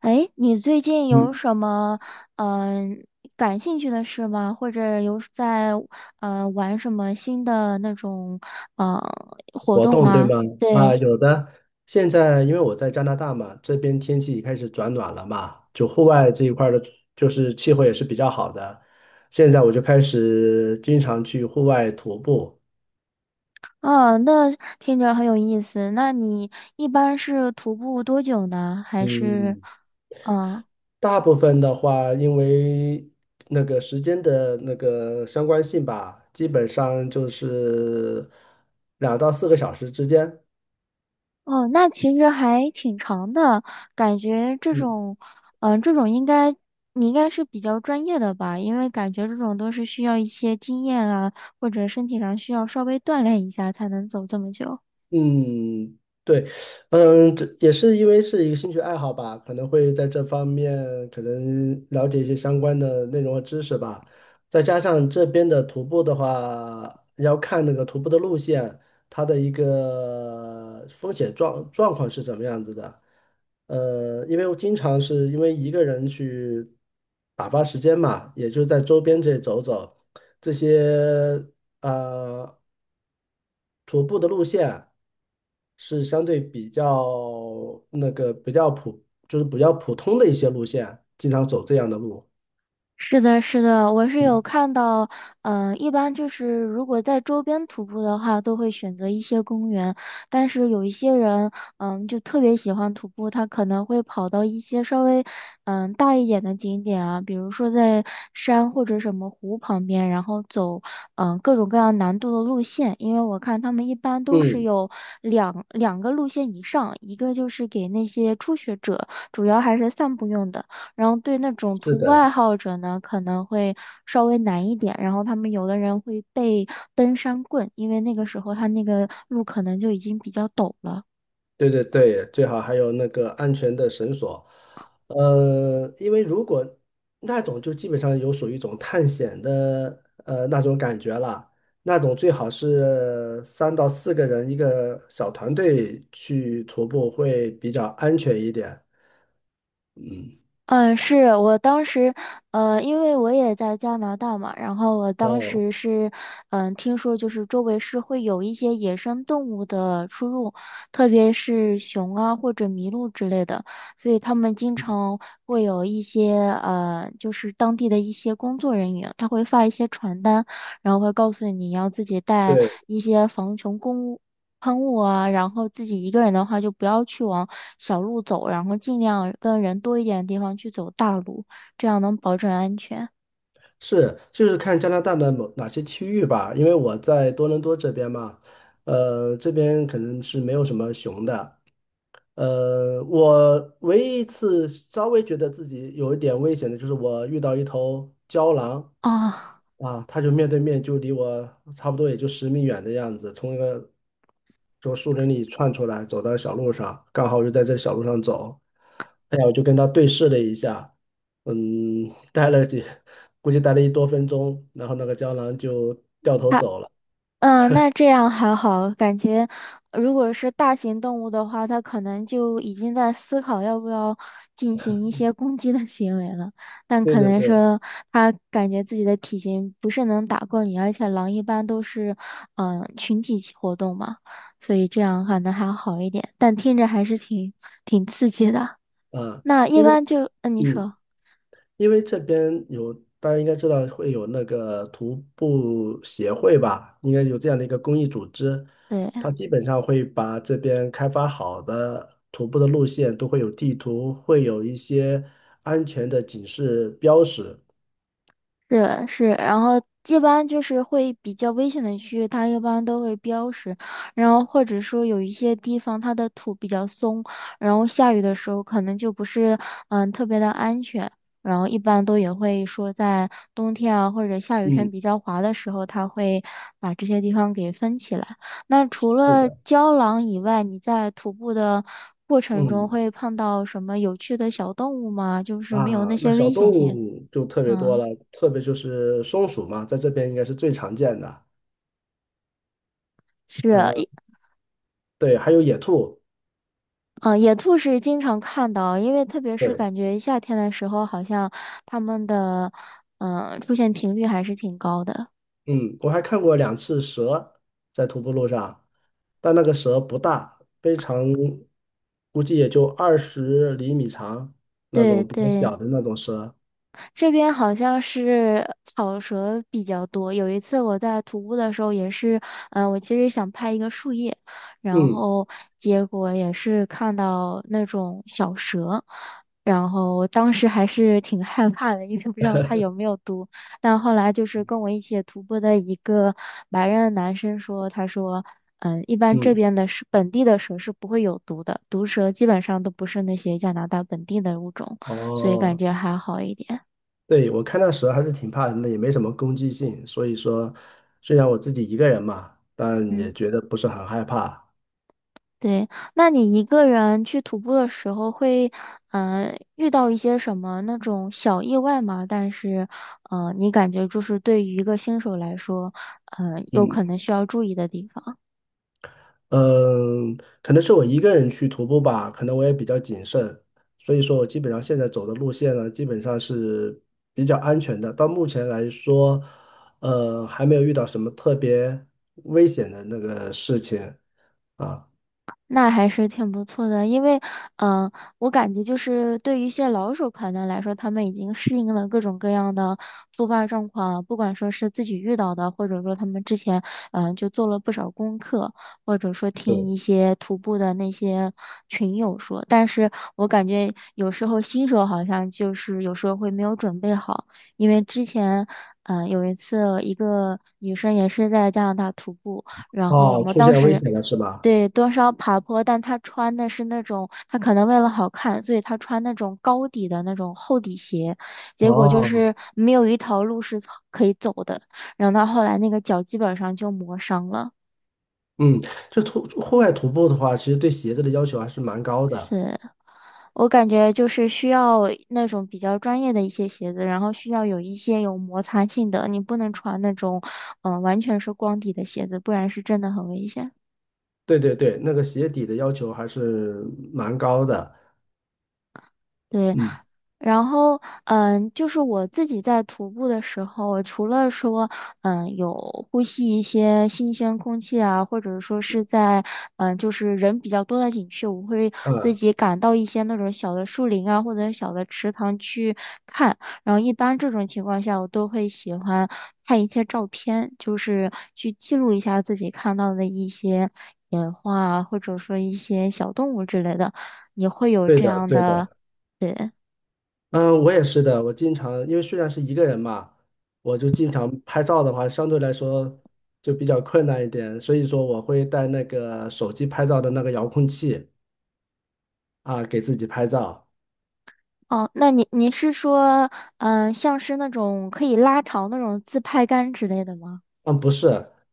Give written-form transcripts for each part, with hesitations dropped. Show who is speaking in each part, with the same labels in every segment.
Speaker 1: 哎，你最近有什么嗯、感兴趣的事吗？或者有在玩什么新的那种呃活
Speaker 2: 活
Speaker 1: 动
Speaker 2: 动，对
Speaker 1: 吗？
Speaker 2: 吗？啊，
Speaker 1: 对。
Speaker 2: 有的。现在因为我在加拿大嘛，这边天气开始转暖了嘛，就户外这一块儿的，就是气候也是比较好的。现在我就开始经常去户外徒步。
Speaker 1: 哦，那听着很有意思。那你一般是徒步多久呢？还是
Speaker 2: 嗯，
Speaker 1: 嗯？
Speaker 2: 大部分的话，因为那个时间的那个相关性吧，基本上就是2到4个小时之间。
Speaker 1: 哦，那其实还挺长的，感觉这
Speaker 2: 嗯
Speaker 1: 种，这种应该你应该是比较专业的吧，因为感觉这种都是需要一些经验啊，或者身体上需要稍微锻炼一下才能走这么久。
Speaker 2: 嗯，对，嗯，这也是因为是一个兴趣爱好吧，可能会在这方面可能了解一些相关的内容和知识吧。再加上这边的徒步的话，要看那个徒步的路线，它的一个风险状况是怎么样子的。因为我经常是因为一个人去打发时间嘛，也就在周边这里走走，这些呃徒步的路线。是相对比较那个比较普，就是比较普通的一些路线，经常走这样的路。
Speaker 1: 是的，是的，我是有
Speaker 2: 嗯
Speaker 1: 看到，一般就是如果在周边徒步的话，都会选择一些公园，但是有一些人，就特别喜欢徒步，他可能会跑到一些稍微，大一点的景点啊，比如说在山或者什么湖旁边，然后走，各种各样难度的路线，因为我看他们一般都是
Speaker 2: 嗯，
Speaker 1: 有两个路线以上，一个就是给那些初学者，主要还是散步用的。然后对那种
Speaker 2: 是
Speaker 1: 徒步爱
Speaker 2: 的，
Speaker 1: 好者呢，可能会稍微难一点。然后他们有的人会背登山棍，因为那个时候他那个路可能就已经比较陡了。
Speaker 2: 对对对，最好还有那个安全的绳索。因为如果那种就基本上有属于一种探险的那种感觉了，那种最好是3到4个人一个小团队去徒步会比较安全一点。嗯，
Speaker 1: 嗯，是我当时，因为我也在加拿大嘛，然后我当
Speaker 2: 哦，
Speaker 1: 时是，嗯，听说就是周围是会有一些野生动物的出入，特别是熊啊或者麋鹿之类的，所以他们经常会有一些，就是当地的一些工作人员，他会发一些传单，然后会告诉你要自己带
Speaker 2: 对。
Speaker 1: 一些防熊工喷雾啊，然后自己一个人的话就不要去往小路走，然后尽量跟人多一点的地方去走大路，这样能保证安全
Speaker 2: 是，就是看加拿大的哪些区域吧，因为我在多伦多这边嘛，这边可能是没有什么熊的，我唯一一次稍微觉得自己有一点危险的就是我遇到一头郊狼
Speaker 1: 啊。
Speaker 2: 啊，它就面对面就离我差不多也就10米远的样子，从一个从树林里窜出来，走到小路上，刚好就在这小路上走。哎呀，我就跟他对视了一下，嗯，待了几，估计待了一多分钟，然后那个胶囊就掉头 走了。
Speaker 1: 嗯，那这样还好，感觉如果是大型动物的话，它可能就已经在思考要不要进行一些攻击的行为了。但
Speaker 2: 对
Speaker 1: 可
Speaker 2: 对
Speaker 1: 能
Speaker 2: 对，
Speaker 1: 说它感觉自己的体型不是能打过你，而且狼一般都是群体活动嘛，所以这样可能还好一点。但听着还是挺刺激的。
Speaker 2: 啊、
Speaker 1: 那一
Speaker 2: 因为
Speaker 1: 般就嗯，呃你
Speaker 2: 嗯。
Speaker 1: 说
Speaker 2: 因为这边有，大家应该知道会有那个徒步协会吧，应该有这样的一个公益组织，
Speaker 1: 对。
Speaker 2: 它基本上会把这边开发好的徒步的路线都会有地图，会有一些安全的警示标识。
Speaker 1: 是是，然后一般就是会比较危险的区域，它一般都会标识，然后或者说有一些地方它的土比较松，然后下雨的时候可能就不是嗯特别的安全，然后一般都也会说在冬天啊或者下雨天
Speaker 2: 嗯，
Speaker 1: 比较滑的时候，它会把这些地方给分起来。那除
Speaker 2: 是
Speaker 1: 了
Speaker 2: 的，
Speaker 1: 胶囊以外，你在徒步的过程中
Speaker 2: 嗯
Speaker 1: 会碰到什么有趣的小动物吗？就是
Speaker 2: 啊，
Speaker 1: 没有那
Speaker 2: 那
Speaker 1: 些
Speaker 2: 小
Speaker 1: 危险
Speaker 2: 动
Speaker 1: 性。
Speaker 2: 物就特别多
Speaker 1: 嗯，
Speaker 2: 了，特别就是松鼠嘛，在这边应该是最常见的。
Speaker 1: 是，
Speaker 2: 呃，对，还有野兔。
Speaker 1: 嗯，野兔是经常看到，因为特别是
Speaker 2: 对。
Speaker 1: 感觉夏天的时候，好像它们的出现频率还是挺高的。
Speaker 2: 嗯，我还看过两次蛇在徒步路上，但那个蛇不大，非常，估计也就20厘米长，那
Speaker 1: 对
Speaker 2: 种比较
Speaker 1: 对。
Speaker 2: 小的那种蛇。
Speaker 1: 这边好像是草蛇比较多。有一次我在徒步的时候，也是，我其实想拍一个树叶，然
Speaker 2: 嗯
Speaker 1: 后结果也是看到那种小蛇，然后我当时还是挺害怕的，因为不知道它有没有毒。但后来就是跟我一起徒步的一个白人男生说，他说。嗯，一般这
Speaker 2: 嗯，
Speaker 1: 边的是本地的蛇是不会有毒的，毒蛇基本上都不是那些加拿大本地的物种，所以感
Speaker 2: 哦，
Speaker 1: 觉还好一点。
Speaker 2: 对，我看那蛇还是挺怕人的，也没什么攻击性，所以说虽然我自己一个人嘛，但
Speaker 1: 嗯，
Speaker 2: 也觉得不是很害怕。
Speaker 1: 对。那你一个人去徒步的时候会，遇到一些什么那种小意外吗？但是，你感觉就是对于一个新手来说，有
Speaker 2: 嗯
Speaker 1: 可能需要注意的地方。
Speaker 2: 嗯，可能是我一个人去徒步吧，可能我也比较谨慎，所以说我基本上现在走的路线呢，基本上是比较安全的。到目前来说，还没有遇到什么特别危险的那个事情啊。
Speaker 1: 那还是挺不错的，因为，嗯、我感觉就是对于一些老手团能来说，他们已经适应了各种各样的突发状况，不管说是自己遇到的，或者说他们之前，就做了不少功课，或者说听
Speaker 2: 对，
Speaker 1: 一些徒步的那些群友说。但是我感觉有时候新手好像就是有时候会没有准备好，因为之前，有一次一个女生也是在加拿大徒步，然后我
Speaker 2: 哦，
Speaker 1: 们
Speaker 2: 出
Speaker 1: 当
Speaker 2: 现危
Speaker 1: 时。
Speaker 2: 险了是吧？
Speaker 1: 对，多少爬坡，但他穿的是那种，他可能为了好看，所以他穿那种高底的那种厚底鞋，结果就
Speaker 2: 哦，
Speaker 1: 是没有一条路是可以走的，然后他后来那个脚基本上就磨伤了。
Speaker 2: 嗯，就户外徒步的话，其实对鞋子的要求还是蛮高的。
Speaker 1: 是我感觉就是需要那种比较专业的一些鞋子，然后需要有一些有摩擦性的，你不能穿那种，完全是光底的鞋子，不然是真的很危险。
Speaker 2: 对对对，那个鞋底的要求还是蛮高的。
Speaker 1: 对，
Speaker 2: 嗯，
Speaker 1: 然后嗯，就是我自己在徒步的时候，除了说嗯有呼吸一些新鲜空气啊，或者说是在嗯就是人比较多的景区，我会自
Speaker 2: 啊，
Speaker 1: 己赶到一些那种小的树林啊或者小的池塘去看。然后一般这种情况下，我都会喜欢看一些照片，就是去记录一下自己看到的一些野花啊，或者说一些小动物之类的。你会有
Speaker 2: 对
Speaker 1: 这
Speaker 2: 的，
Speaker 1: 样
Speaker 2: 对的。
Speaker 1: 的对，
Speaker 2: 嗯，我也是的。我经常因为虽然是一个人嘛，我就经常拍照的话，相对来说就比较困难一点，所以说我会带那个手机拍照的那个遥控器啊，给自己拍照。
Speaker 1: 哦，那你是说，像是那种可以拉长那种自拍杆之类的吗？
Speaker 2: 嗯，不是，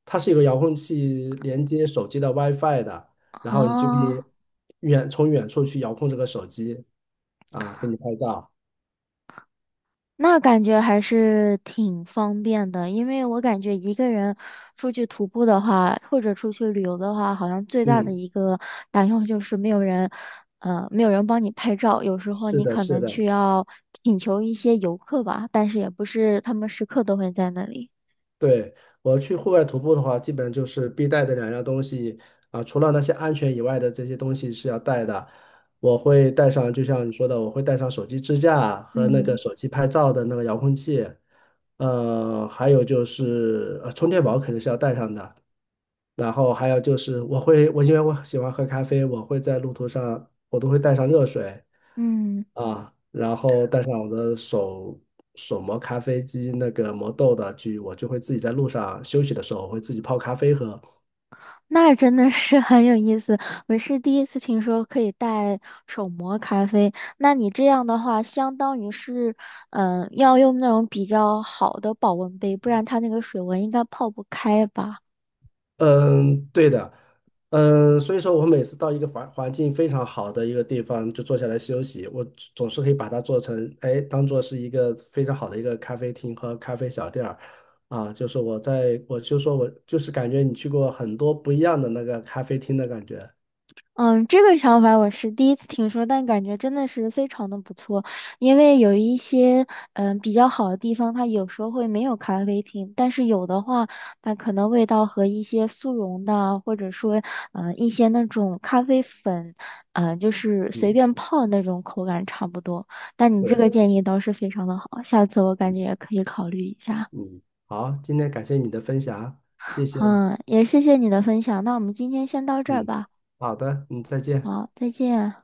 Speaker 2: 它是有个遥控器连接手机的 WiFi 的，然后你就可
Speaker 1: 啊，
Speaker 2: 以从远处去遥控这个手机啊，给你拍照。
Speaker 1: 那感觉还是挺方便的，因为我感觉一个人出去徒步的话，或者出去旅游的话，好像最大的
Speaker 2: 嗯，
Speaker 1: 一个担忧就是没有人，没有人帮你拍照，有时候
Speaker 2: 是
Speaker 1: 你
Speaker 2: 的，
Speaker 1: 可
Speaker 2: 是
Speaker 1: 能
Speaker 2: 的。
Speaker 1: 去要请求一些游客吧，但是也不是他们时刻都会在那里。
Speaker 2: 对，我去户外徒步的话，基本就是必带的两样东西啊，除了那些安全以外的这些东西是要带的。我会带上，就像你说的，我会带上手机支架和那个
Speaker 1: 嗯
Speaker 2: 手机拍照的那个遥控器，还有就是充电宝肯定是要带上的，然后还有就是我因为我喜欢喝咖啡，我会在路途上我都会带上热水
Speaker 1: 嗯。
Speaker 2: 啊，然后带上我的手磨咖啡机那个磨豆的去，我就会自己在路上休息的时候我会自己泡咖啡喝，
Speaker 1: 那真的是 很有意思，我是第一次听说可以带手磨咖啡。那你这样的话，相当于是，要用那种比较好的保温杯，不然它那个水温应该泡不开吧？
Speaker 2: 嗯，对的，嗯，所以说我每次到一个环境非常好的一个地方就坐下来休息，我总是可以把它做成，哎，当做是一个非常好的一个咖啡厅和咖啡小店儿，啊，就是我在，我就说我就是感觉你去过很多不一样的那个咖啡厅的感觉，
Speaker 1: 嗯，这个想法我是第一次听说，但感觉真的是非常的不错。因为有一些嗯比较好的地方，它有时候会没有咖啡厅，但是有的话，它可能味道和一些速溶的啊，或者说嗯一些那种咖啡粉，嗯就是随
Speaker 2: 嗯，
Speaker 1: 便泡那种口感差不多。但你这
Speaker 2: 对，
Speaker 1: 个建议倒是非常的好，下次我感觉也可以考虑一下。
Speaker 2: 嗯，好，今天感谢你的分享，谢谢，
Speaker 1: 嗯，也谢谢你的分享，那我们今天先到这儿
Speaker 2: 嗯，
Speaker 1: 吧。
Speaker 2: 好的，嗯，再见。
Speaker 1: 好，再见。